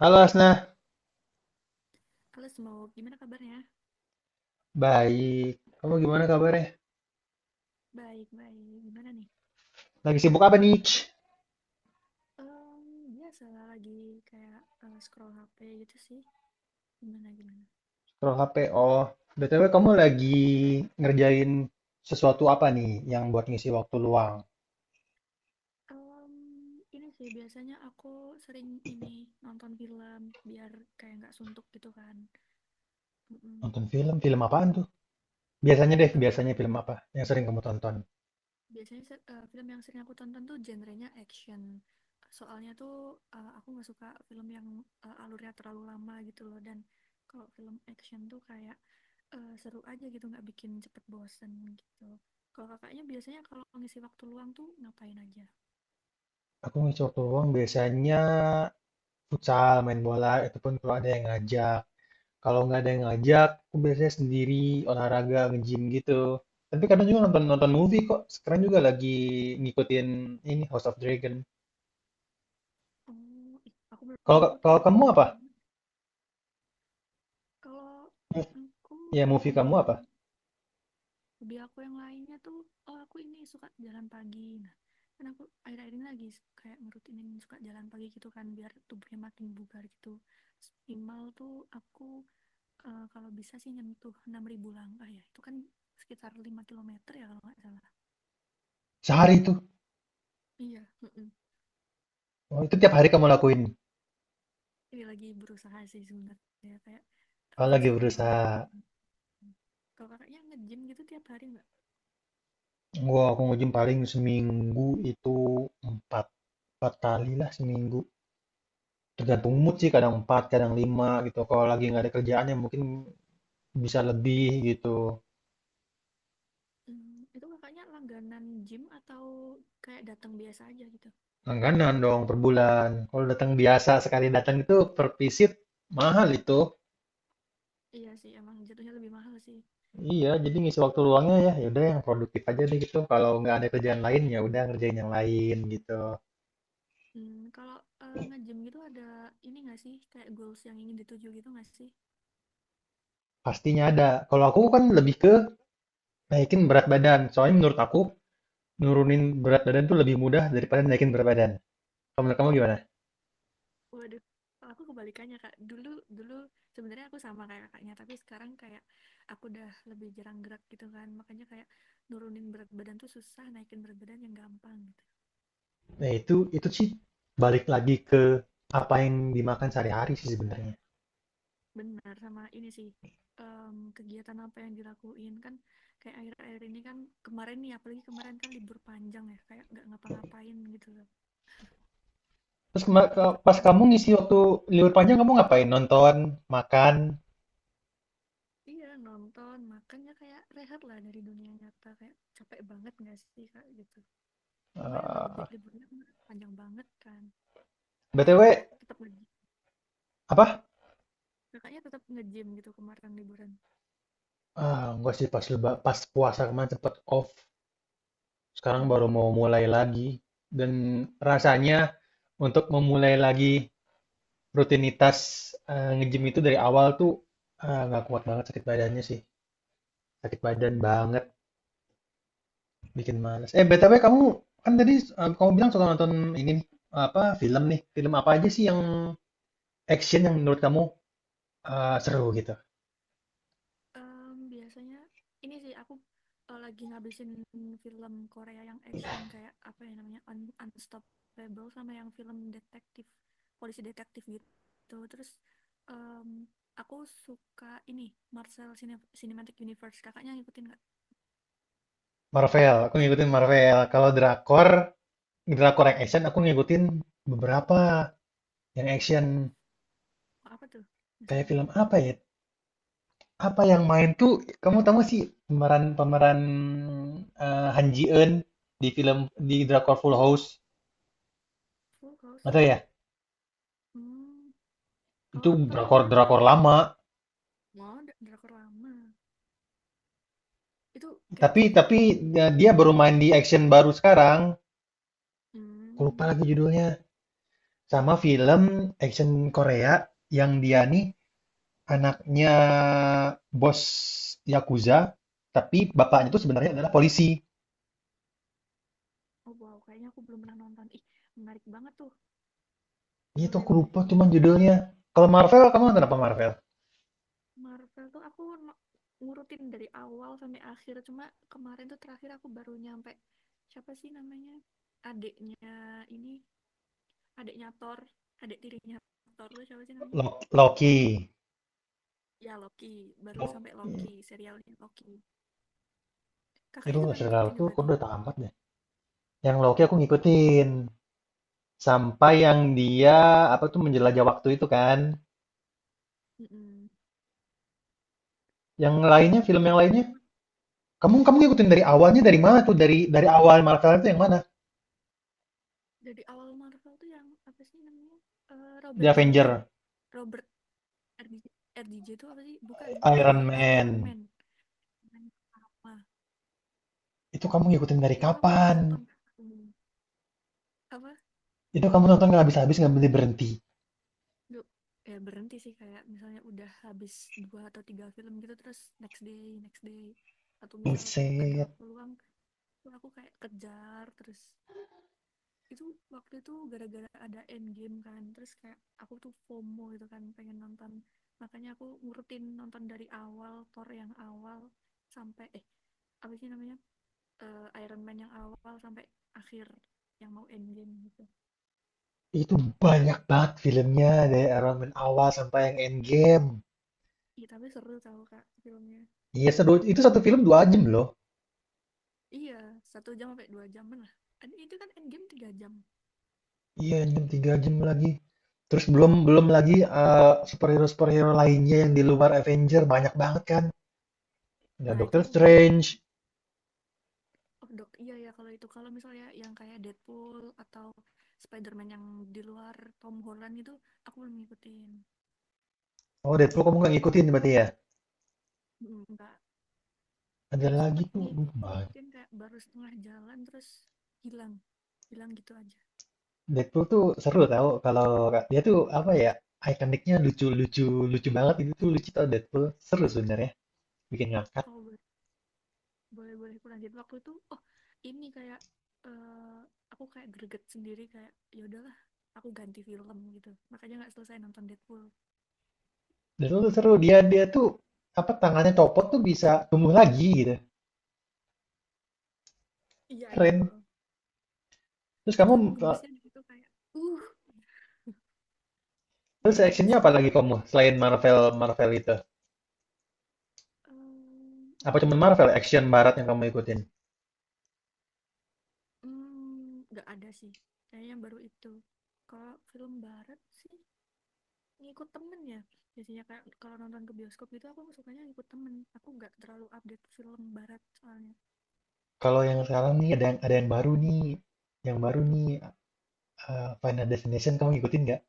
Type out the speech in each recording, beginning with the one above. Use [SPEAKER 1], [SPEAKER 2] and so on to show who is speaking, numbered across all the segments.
[SPEAKER 1] Halo Asna,
[SPEAKER 2] Halo Smoke, gimana kabarnya?
[SPEAKER 1] baik. Kamu gimana kabarnya?
[SPEAKER 2] Baik, baik. Gimana nih?
[SPEAKER 1] Lagi sibuk apa nih?
[SPEAKER 2] Biasa lah lagi kayak scroll HP gitu sih. Gimana, gimana?
[SPEAKER 1] Scroll HP. Oh, BTW kamu lagi ngerjain sesuatu apa nih yang buat ngisi waktu luang?
[SPEAKER 2] Em, ini sih biasanya aku sering ini nonton film biar kayak nggak suntuk gitu kan. Mm-mm.
[SPEAKER 1] Nonton film? Film apaan tuh? Biasanya deh, biasanya
[SPEAKER 2] Em,
[SPEAKER 1] film apa yang sering kamu tonton?
[SPEAKER 2] biasanya film yang sering aku tonton tuh genrenya action. Soalnya tuh aku nggak suka film yang alurnya terlalu lama gitu loh. Dan kalau film action tuh kayak seru aja gitu nggak bikin cepet bosen gitu. Kalau kakaknya biasanya kalau ngisi waktu luang tuh ngapain aja?
[SPEAKER 1] Aku ngisi waktu luang biasanya futsal, main bola, itu pun kalau ada yang ngajak. Kalau nggak ada yang ngajak, aku biasanya sendiri olahraga, nge-gym gitu. Tapi kadang juga nonton-nonton movie kok. Sekarang juga lagi ngikutin ini House of Dragon.
[SPEAKER 2] Oh ih, aku belum
[SPEAKER 1] Kalau
[SPEAKER 2] ngikutin
[SPEAKER 1] kalau kamu
[SPEAKER 2] katanya.
[SPEAKER 1] apa?
[SPEAKER 2] Hmm. Kalau
[SPEAKER 1] Mov-
[SPEAKER 2] aku
[SPEAKER 1] Ya, movie kamu
[SPEAKER 2] lagi
[SPEAKER 1] apa?
[SPEAKER 2] hobi aku yang lainnya tuh, oh aku ini suka jalan pagi. Nah kan aku akhir-akhir ini lagi kayak ngerutinin suka jalan pagi gitu kan biar tubuhnya makin bugar gitu. Terus minimal tuh aku kalau bisa sih nyentuh 6.000 langkah, ya itu kan sekitar 5 km ya kalau nggak salah.
[SPEAKER 1] Sehari itu.
[SPEAKER 2] Iya, mm-mm.
[SPEAKER 1] Oh, itu tiap hari kamu lakuin.
[SPEAKER 2] Ini lagi berusaha sih sebenarnya kayak
[SPEAKER 1] Kalau lagi
[SPEAKER 2] berusaha membangun.
[SPEAKER 1] berusaha.
[SPEAKER 2] Kalau kakaknya nge-gym gitu tiap hari nggak?
[SPEAKER 1] Aku nge-gym paling seminggu itu empat. Empat kali lah seminggu. Tergantung mood sih,
[SPEAKER 2] Hmm.
[SPEAKER 1] kadang empat, kadang lima gitu. Kalau lagi nggak ada kerjaan ya mungkin bisa lebih gitu.
[SPEAKER 2] Hmm, itu kakaknya langganan gym atau kayak datang biasa aja gitu?
[SPEAKER 1] Langganan dong per bulan. Kalau datang biasa sekali datang itu per visit mahal itu.
[SPEAKER 2] Iya sih emang jatuhnya lebih mahal sih.
[SPEAKER 1] Iya, jadi ngisi waktu luangnya ya, ya udah yang produktif aja deh gitu. Kalau nggak ada kerjaan lain ya udah ngerjain yang lain gitu.
[SPEAKER 2] Hmm, kalau nge-gym gitu ada ini nggak sih kayak goals yang ingin dituju gitu nggak sih?
[SPEAKER 1] Pastinya ada. Kalau aku kan lebih ke naikin berat badan. Soalnya menurut aku nurunin berat badan tuh lebih mudah daripada naikin berat badan. Kalau menurut kamu gimana?
[SPEAKER 2] Waduh, kalau aku kebalikannya, Kak. Dulu dulu sebenarnya aku sama kayak kakaknya, tapi sekarang kayak aku udah lebih jarang gerak gitu kan. Makanya kayak nurunin berat badan tuh susah, naikin berat badan yang gampang gitu.
[SPEAKER 1] Nah itu sih balik lagi ke apa yang dimakan sehari-hari sih sebenarnya.
[SPEAKER 2] Benar sama ini sih. Kegiatan apa yang dilakuin kan kayak akhir-akhir ini kan kemarin nih apalagi kemarin kan libur panjang ya kayak nggak ngapa-ngapain gitu loh,
[SPEAKER 1] Terus
[SPEAKER 2] jadi
[SPEAKER 1] pas
[SPEAKER 2] tambah
[SPEAKER 1] kamu
[SPEAKER 2] berat.
[SPEAKER 1] ngisi waktu libur panjang kamu ngapain? Nonton, makan,
[SPEAKER 2] Iya nonton makanya kayak rehat lah dari dunia nyata, kayak capek banget nggak sih kak gitu. Lumayan udah lebih,
[SPEAKER 1] eh,
[SPEAKER 2] liburnya kemarin panjang banget kan. Kalau kakaknya
[SPEAKER 1] BTW
[SPEAKER 2] tetap nge-,
[SPEAKER 1] apa?
[SPEAKER 2] kakaknya tetap nge-gym gitu kemarin liburan?
[SPEAKER 1] Ah, enggak sih pas pas puasa kemarin cepet off. Sekarang baru mau
[SPEAKER 2] Hmm,
[SPEAKER 1] mulai lagi dan rasanya untuk memulai lagi rutinitas, nge-gym itu dari awal tuh, nggak kuat banget sakit badannya sih, sakit badan
[SPEAKER 2] bener.
[SPEAKER 1] banget, bikin
[SPEAKER 2] Mm-mm.
[SPEAKER 1] males. Eh, BTW kamu kan tadi, kamu bilang suka nonton ini nih, apa, film nih, film apa aja sih yang
[SPEAKER 2] Ya.
[SPEAKER 1] action yang menurut kamu, seru gitu?
[SPEAKER 2] Biasanya ini sih aku lagi ngabisin film Korea yang action kayak apa ya namanya, Unstoppable, sama yang film detektif, polisi detektif gitu. Terus em, aku suka ini Marvel Cinematic Universe, kakaknya ngikutin nggak?
[SPEAKER 1] Marvel, aku ngikutin
[SPEAKER 2] Hmm.
[SPEAKER 1] Marvel. Kalau
[SPEAKER 2] Ya.
[SPEAKER 1] drakor, drakor yang action aku ngikutin beberapa yang action.
[SPEAKER 2] Apa tuh,
[SPEAKER 1] Kayak
[SPEAKER 2] misalnya?
[SPEAKER 1] film apa ya. Apa yang main tuh, kamu tahu nggak sih pemeran-pemeran Han Ji Eun di film di drakor Full House?
[SPEAKER 2] Full
[SPEAKER 1] Nggak
[SPEAKER 2] House.
[SPEAKER 1] tahu ya?
[SPEAKER 2] Hmm. Kalau
[SPEAKER 1] Itu
[SPEAKER 2] aktor aku biasanya kurang
[SPEAKER 1] drakor-drakor
[SPEAKER 2] tahu.
[SPEAKER 1] lama.
[SPEAKER 2] Mau drakor lama. Itu kayak
[SPEAKER 1] Tapi
[SPEAKER 2] ceritanya
[SPEAKER 1] tapi
[SPEAKER 2] kayak gini.
[SPEAKER 1] dia dia baru main di action baru sekarang. Aku lupa
[SPEAKER 2] Hmm.
[SPEAKER 1] lagi judulnya. Sama film action Korea yang dia nih anaknya bos Yakuza, tapi bapaknya tuh
[SPEAKER 2] Mm-mm.
[SPEAKER 1] sebenarnya adalah polisi.
[SPEAKER 2] Oh wow, kayaknya aku belum pernah nonton. Ih, menarik banget tuh.
[SPEAKER 1] Itu
[SPEAKER 2] Boleh,
[SPEAKER 1] aku
[SPEAKER 2] boleh
[SPEAKER 1] lupa
[SPEAKER 2] sih, boleh.
[SPEAKER 1] cuman judulnya. Kalau Marvel, kamu nonton apa Marvel?
[SPEAKER 2] Marvel tuh aku ngurutin dari awal sampai akhir. Cuma kemarin tuh terakhir aku baru nyampe, siapa sih namanya? Adiknya ini, adiknya Thor, adik tirinya Thor tuh siapa sih namanya?
[SPEAKER 1] Loki.
[SPEAKER 2] Ya Loki, baru sampai Loki, serialnya Loki.
[SPEAKER 1] Itu
[SPEAKER 2] Kakaknya juga
[SPEAKER 1] nggak
[SPEAKER 2] ngikutin
[SPEAKER 1] serialku,
[SPEAKER 2] ya
[SPEAKER 1] aku
[SPEAKER 2] berarti.
[SPEAKER 1] udah tamat deh. Yang Loki aku ngikutin. Sampai yang dia apa tuh menjelajah waktu itu kan.
[SPEAKER 2] Mm-mm.
[SPEAKER 1] Yang
[SPEAKER 2] Nah,
[SPEAKER 1] lainnya,
[SPEAKER 2] di
[SPEAKER 1] film
[SPEAKER 2] situ
[SPEAKER 1] yang lainnya.
[SPEAKER 2] cuma
[SPEAKER 1] Kamu kamu ngikutin dari
[SPEAKER 2] film
[SPEAKER 1] awalnya
[SPEAKER 2] lain,
[SPEAKER 1] dari mana tuh? Dari awal Marvel itu yang mana?
[SPEAKER 2] dari awal Marvel tuh yang apa sih namanya, eh,
[SPEAKER 1] The
[SPEAKER 2] Robert Downey
[SPEAKER 1] Avenger,
[SPEAKER 2] Robert RDJ, RDJ itu apa sih, bukan
[SPEAKER 1] Iron
[SPEAKER 2] RDJ, Iron
[SPEAKER 1] Man.
[SPEAKER 2] Man Man pertama.
[SPEAKER 1] Itu kamu ngikutin dari
[SPEAKER 2] Itu aku
[SPEAKER 1] kapan?
[SPEAKER 2] maraton. Hmm. Apa,
[SPEAKER 1] Itu kamu nonton nggak habis-habis nggak berhenti berhenti.
[SPEAKER 2] du, ya berhenti sih kayak misalnya udah habis dua atau tiga film gitu, terus next day atau misal kayak ada
[SPEAKER 1] Buset.
[SPEAKER 2] waktu luang tuh aku kayak kejar terus. Itu waktu itu gara-gara ada Endgame kan, terus kayak aku tuh FOMO gitu kan pengen nonton, makanya aku ngurutin nonton dari awal Thor yang awal sampai eh apa sih namanya, Iron Man yang awal sampai akhir yang mau Endgame gitu.
[SPEAKER 1] Itu banyak banget filmnya dari Iron Man awal sampai yang Endgame.
[SPEAKER 2] Iya tapi seru tau kak filmnya.
[SPEAKER 1] Iya, seru. Itu
[SPEAKER 2] Bikin,
[SPEAKER 1] satu film dua jam loh.
[SPEAKER 2] iya 1 jam sampai 2 jaman lah. Itu kan Endgame 3 jam.
[SPEAKER 1] Iya, jam 3 jam lagi. Terus belum belum lagi superhero-superhero lainnya yang di luar Avenger banyak banget kan. Ada
[SPEAKER 2] Nah itu
[SPEAKER 1] Doctor
[SPEAKER 2] aku belum.
[SPEAKER 1] Strange.
[SPEAKER 2] Oh, dok, iya ya kalau itu. Kalau misalnya yang kayak Deadpool atau Spider-Man yang di luar Tom Holland itu, aku belum ngikutin.
[SPEAKER 1] Oh, Deadpool kamu nggak ngikutin berarti ya?
[SPEAKER 2] Mm. Enggak. Waktu
[SPEAKER 1] Ada
[SPEAKER 2] itu
[SPEAKER 1] lagi
[SPEAKER 2] sempat
[SPEAKER 1] tuh, aduh, banyak.
[SPEAKER 2] ngikutin kayak baru setengah jalan terus hilang. Hilang gitu aja.
[SPEAKER 1] Deadpool tuh seru tau kalau dia tuh apa ya, ikoniknya lucu-lucu lucu banget itu tuh lucu tau Deadpool. Seru sebenarnya, bikin ngakak.
[SPEAKER 2] Kalau boleh-boleh aku lanjut waktu itu, oh ini kayak eh aku kayak greget sendiri kayak ya udahlah aku ganti film gitu. Makanya nggak selesai nonton Deadpool.
[SPEAKER 1] Deadpool tuh seru, dia dia tuh apa tangannya copot tuh bisa tumbuh lagi gitu.
[SPEAKER 2] Iya, iya.
[SPEAKER 1] Keren.
[SPEAKER 2] Heeh.
[SPEAKER 1] Terus
[SPEAKER 2] Itu
[SPEAKER 1] kamu
[SPEAKER 2] aku
[SPEAKER 1] eh,
[SPEAKER 2] gemesnya di situ kayak, uh,
[SPEAKER 1] terus
[SPEAKER 2] gemes
[SPEAKER 1] actionnya apa lagi
[SPEAKER 2] banget.
[SPEAKER 1] kamu selain Marvel Marvel itu? Apa cuman
[SPEAKER 2] Apa ya?
[SPEAKER 1] Marvel action barat yang kamu ikutin?
[SPEAKER 2] Mmm, nggak ada sih, kayaknya baru itu. Kalau film barat sih ngikut temen ya, biasanya kayak kalau nonton ke bioskop gitu aku sukanya ngikut temen, aku nggak terlalu update film barat soalnya.
[SPEAKER 1] Kalau yang
[SPEAKER 2] Kalau
[SPEAKER 1] sekarang nih ada yang
[SPEAKER 2] Indonesia
[SPEAKER 1] baru
[SPEAKER 2] ada,
[SPEAKER 1] nih, yang baru
[SPEAKER 2] apa tuh?
[SPEAKER 1] nih, Final Destination kamu ngikutin nggak?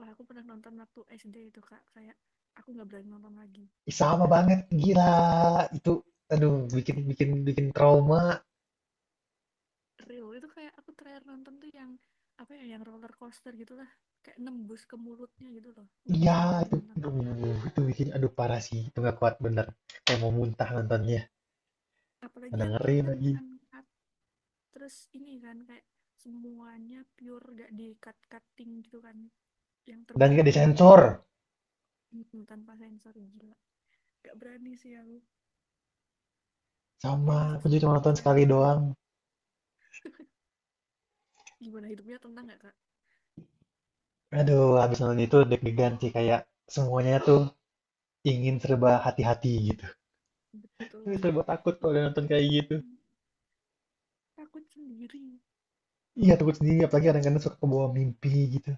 [SPEAKER 2] Wah aku pernah nonton waktu SD itu Kak, kayak aku nggak berani nonton lagi.
[SPEAKER 1] Ih, sama banget, gila itu, aduh bikin bikin bikin trauma.
[SPEAKER 2] Real, itu kayak aku terakhir nonton tuh yang, apa ya, yang roller coaster gitulah, kayak nembus ke mulutnya gitu loh, nggak
[SPEAKER 1] Iya
[SPEAKER 2] berani lagi
[SPEAKER 1] itu,
[SPEAKER 2] nonton.
[SPEAKER 1] aduh, itu bikin aduh parah sih, itu nggak kuat bener. Kayak mau muntah nontonnya,
[SPEAKER 2] Apalagi yang ini
[SPEAKER 1] dengerin
[SPEAKER 2] kan,
[SPEAKER 1] lagi.
[SPEAKER 2] Anka, terus ini kan kayak semuanya pure gak di cut-cutting gitu kan, yang
[SPEAKER 1] Dan
[SPEAKER 2] terbaru
[SPEAKER 1] nggak
[SPEAKER 2] ini.
[SPEAKER 1] disensor,
[SPEAKER 2] Mm, tanpa sensor gila, gak berani sih aku.
[SPEAKER 1] sama
[SPEAKER 2] Saya masuk
[SPEAKER 1] aku juga cuma
[SPEAKER 2] psikolog
[SPEAKER 1] nonton
[SPEAKER 2] sih habis
[SPEAKER 1] sekali
[SPEAKER 2] nonton,
[SPEAKER 1] doang.
[SPEAKER 2] gimana hidupnya tenang gak kak?
[SPEAKER 1] Aduh, habis nonton itu deg-degan sih kayak semuanya tuh ingin serba hati-hati gitu.
[SPEAKER 2] Betul
[SPEAKER 1] Serba
[SPEAKER 2] kayak
[SPEAKER 1] takut kalau
[SPEAKER 2] ih
[SPEAKER 1] udah nonton
[SPEAKER 2] apaan,
[SPEAKER 1] kayak gitu.
[SPEAKER 2] apaan. Takut sendiri.
[SPEAKER 1] Iya, takut sendiri, apalagi kadang-kadang suka kebawa mimpi gitu.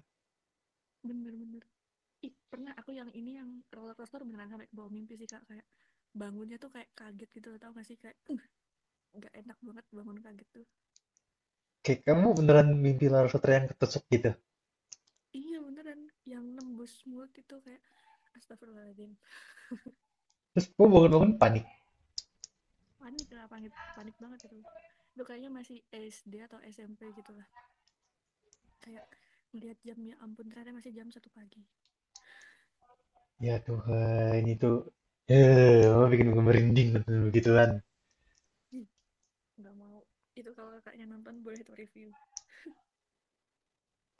[SPEAKER 2] Bener-bener ih, pernah aku yang ini yang roller coaster beneran sampai ke bawah mimpi sih kak, kayak bangunnya tuh kayak kaget gitu loh tau gak sih kayak, nggak enak banget bangun kaget tuh."
[SPEAKER 1] Kayak kamu beneran mimpi Lara Sutera yang ketusuk gitu.
[SPEAKER 2] Iya beneran yang nembus mulut itu kayak astagfirullahaladzim.
[SPEAKER 1] Terus kamu bangun-bangun panik.
[SPEAKER 2] Panik lah, panik, panik banget gitu. Itu kayaknya masih SD atau SMP gitu lah, kayak melihat jamnya ampun ternyata masih jam 1 pagi.
[SPEAKER 1] Ya Tuhan, itu kamu bikin gue merinding nonton begituan.
[SPEAKER 2] Ih, nggak mau. Itu kalau kakaknya nonton, boleh tuh review.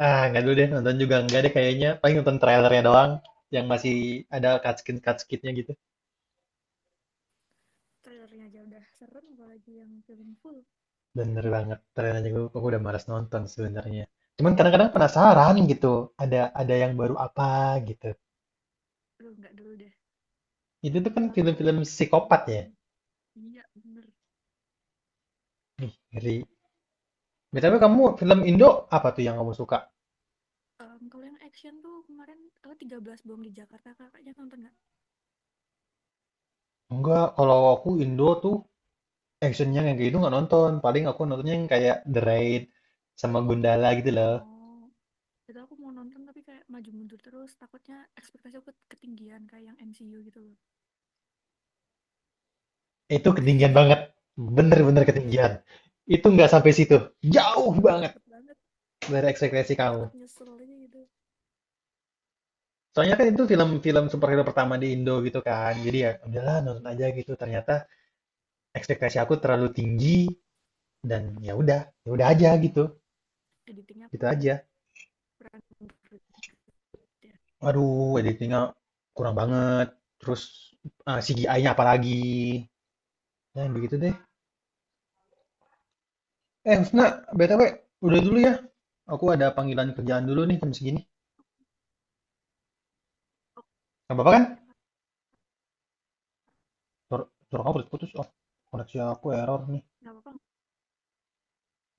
[SPEAKER 1] Ah, nggak dulu deh, nonton juga nggak deh kayaknya. Paling nonton trailernya doang, yang masih ada cutscene-cutscene-nya gitu.
[SPEAKER 2] Trailernya aja udah serem apalagi yang film full.
[SPEAKER 1] Bener banget, trailernya aku udah malas nonton sebenarnya. Cuman kadang-kadang penasaran gitu, ada yang baru apa gitu.
[SPEAKER 2] Aduh nggak dulu deh.
[SPEAKER 1] Itu tuh kan
[SPEAKER 2] Terlalu,
[SPEAKER 1] film-film psikopat ya.
[SPEAKER 2] iya bener.
[SPEAKER 1] Ih, ngeri. BTW kamu film Indo apa tuh yang kamu suka?
[SPEAKER 2] Kalau yang action tuh kemarin, oh, 13 bom di Jakarta kakaknya nonton nggak?
[SPEAKER 1] Enggak, kalau aku Indo tuh actionnya yang kayak gitu nggak nonton. Paling aku nontonnya yang kayak The Raid sama Gundala gitu loh.
[SPEAKER 2] Oh itu aku mau nonton tapi kayak maju mundur terus, takutnya ekspektasi aku ketinggian kayak yang MCU gitu loh.
[SPEAKER 1] Itu ketinggian banget. Bener-bener
[SPEAKER 2] Tuh kan.
[SPEAKER 1] ketinggian. Itu nggak sampai situ. Jauh
[SPEAKER 2] Tuh
[SPEAKER 1] banget
[SPEAKER 2] takut banget,
[SPEAKER 1] dari ekspektasi
[SPEAKER 2] kayak
[SPEAKER 1] kamu.
[SPEAKER 2] takut nyesel aja gitu.
[SPEAKER 1] Soalnya kan itu film-film superhero pertama di Indo gitu kan. Jadi ya udahlah nonton aja gitu. Ternyata ekspektasi aku terlalu tinggi dan ya udah aja gitu.
[SPEAKER 2] Editingnya
[SPEAKER 1] Gitu
[SPEAKER 2] kurang,
[SPEAKER 1] aja.
[SPEAKER 2] kurang gitu ya.
[SPEAKER 1] Aduh, editingnya kurang banget. Terus eh, CGI-nya apalagi. Ya, begitu deh. Eh, Husna, BTW, udah dulu ya. Aku ada panggilan kerjaan dulu nih jam segini.
[SPEAKER 2] Oke. Nggak
[SPEAKER 1] Gak apa-apa kan?
[SPEAKER 2] apa-apa.
[SPEAKER 1] Suara, suara kamu putus-putus. Oh, koneksi aku error nih.
[SPEAKER 2] Nggak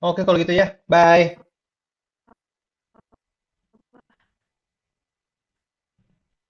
[SPEAKER 1] Oke, kalau gitu ya. Bye.
[SPEAKER 2] apa-apa.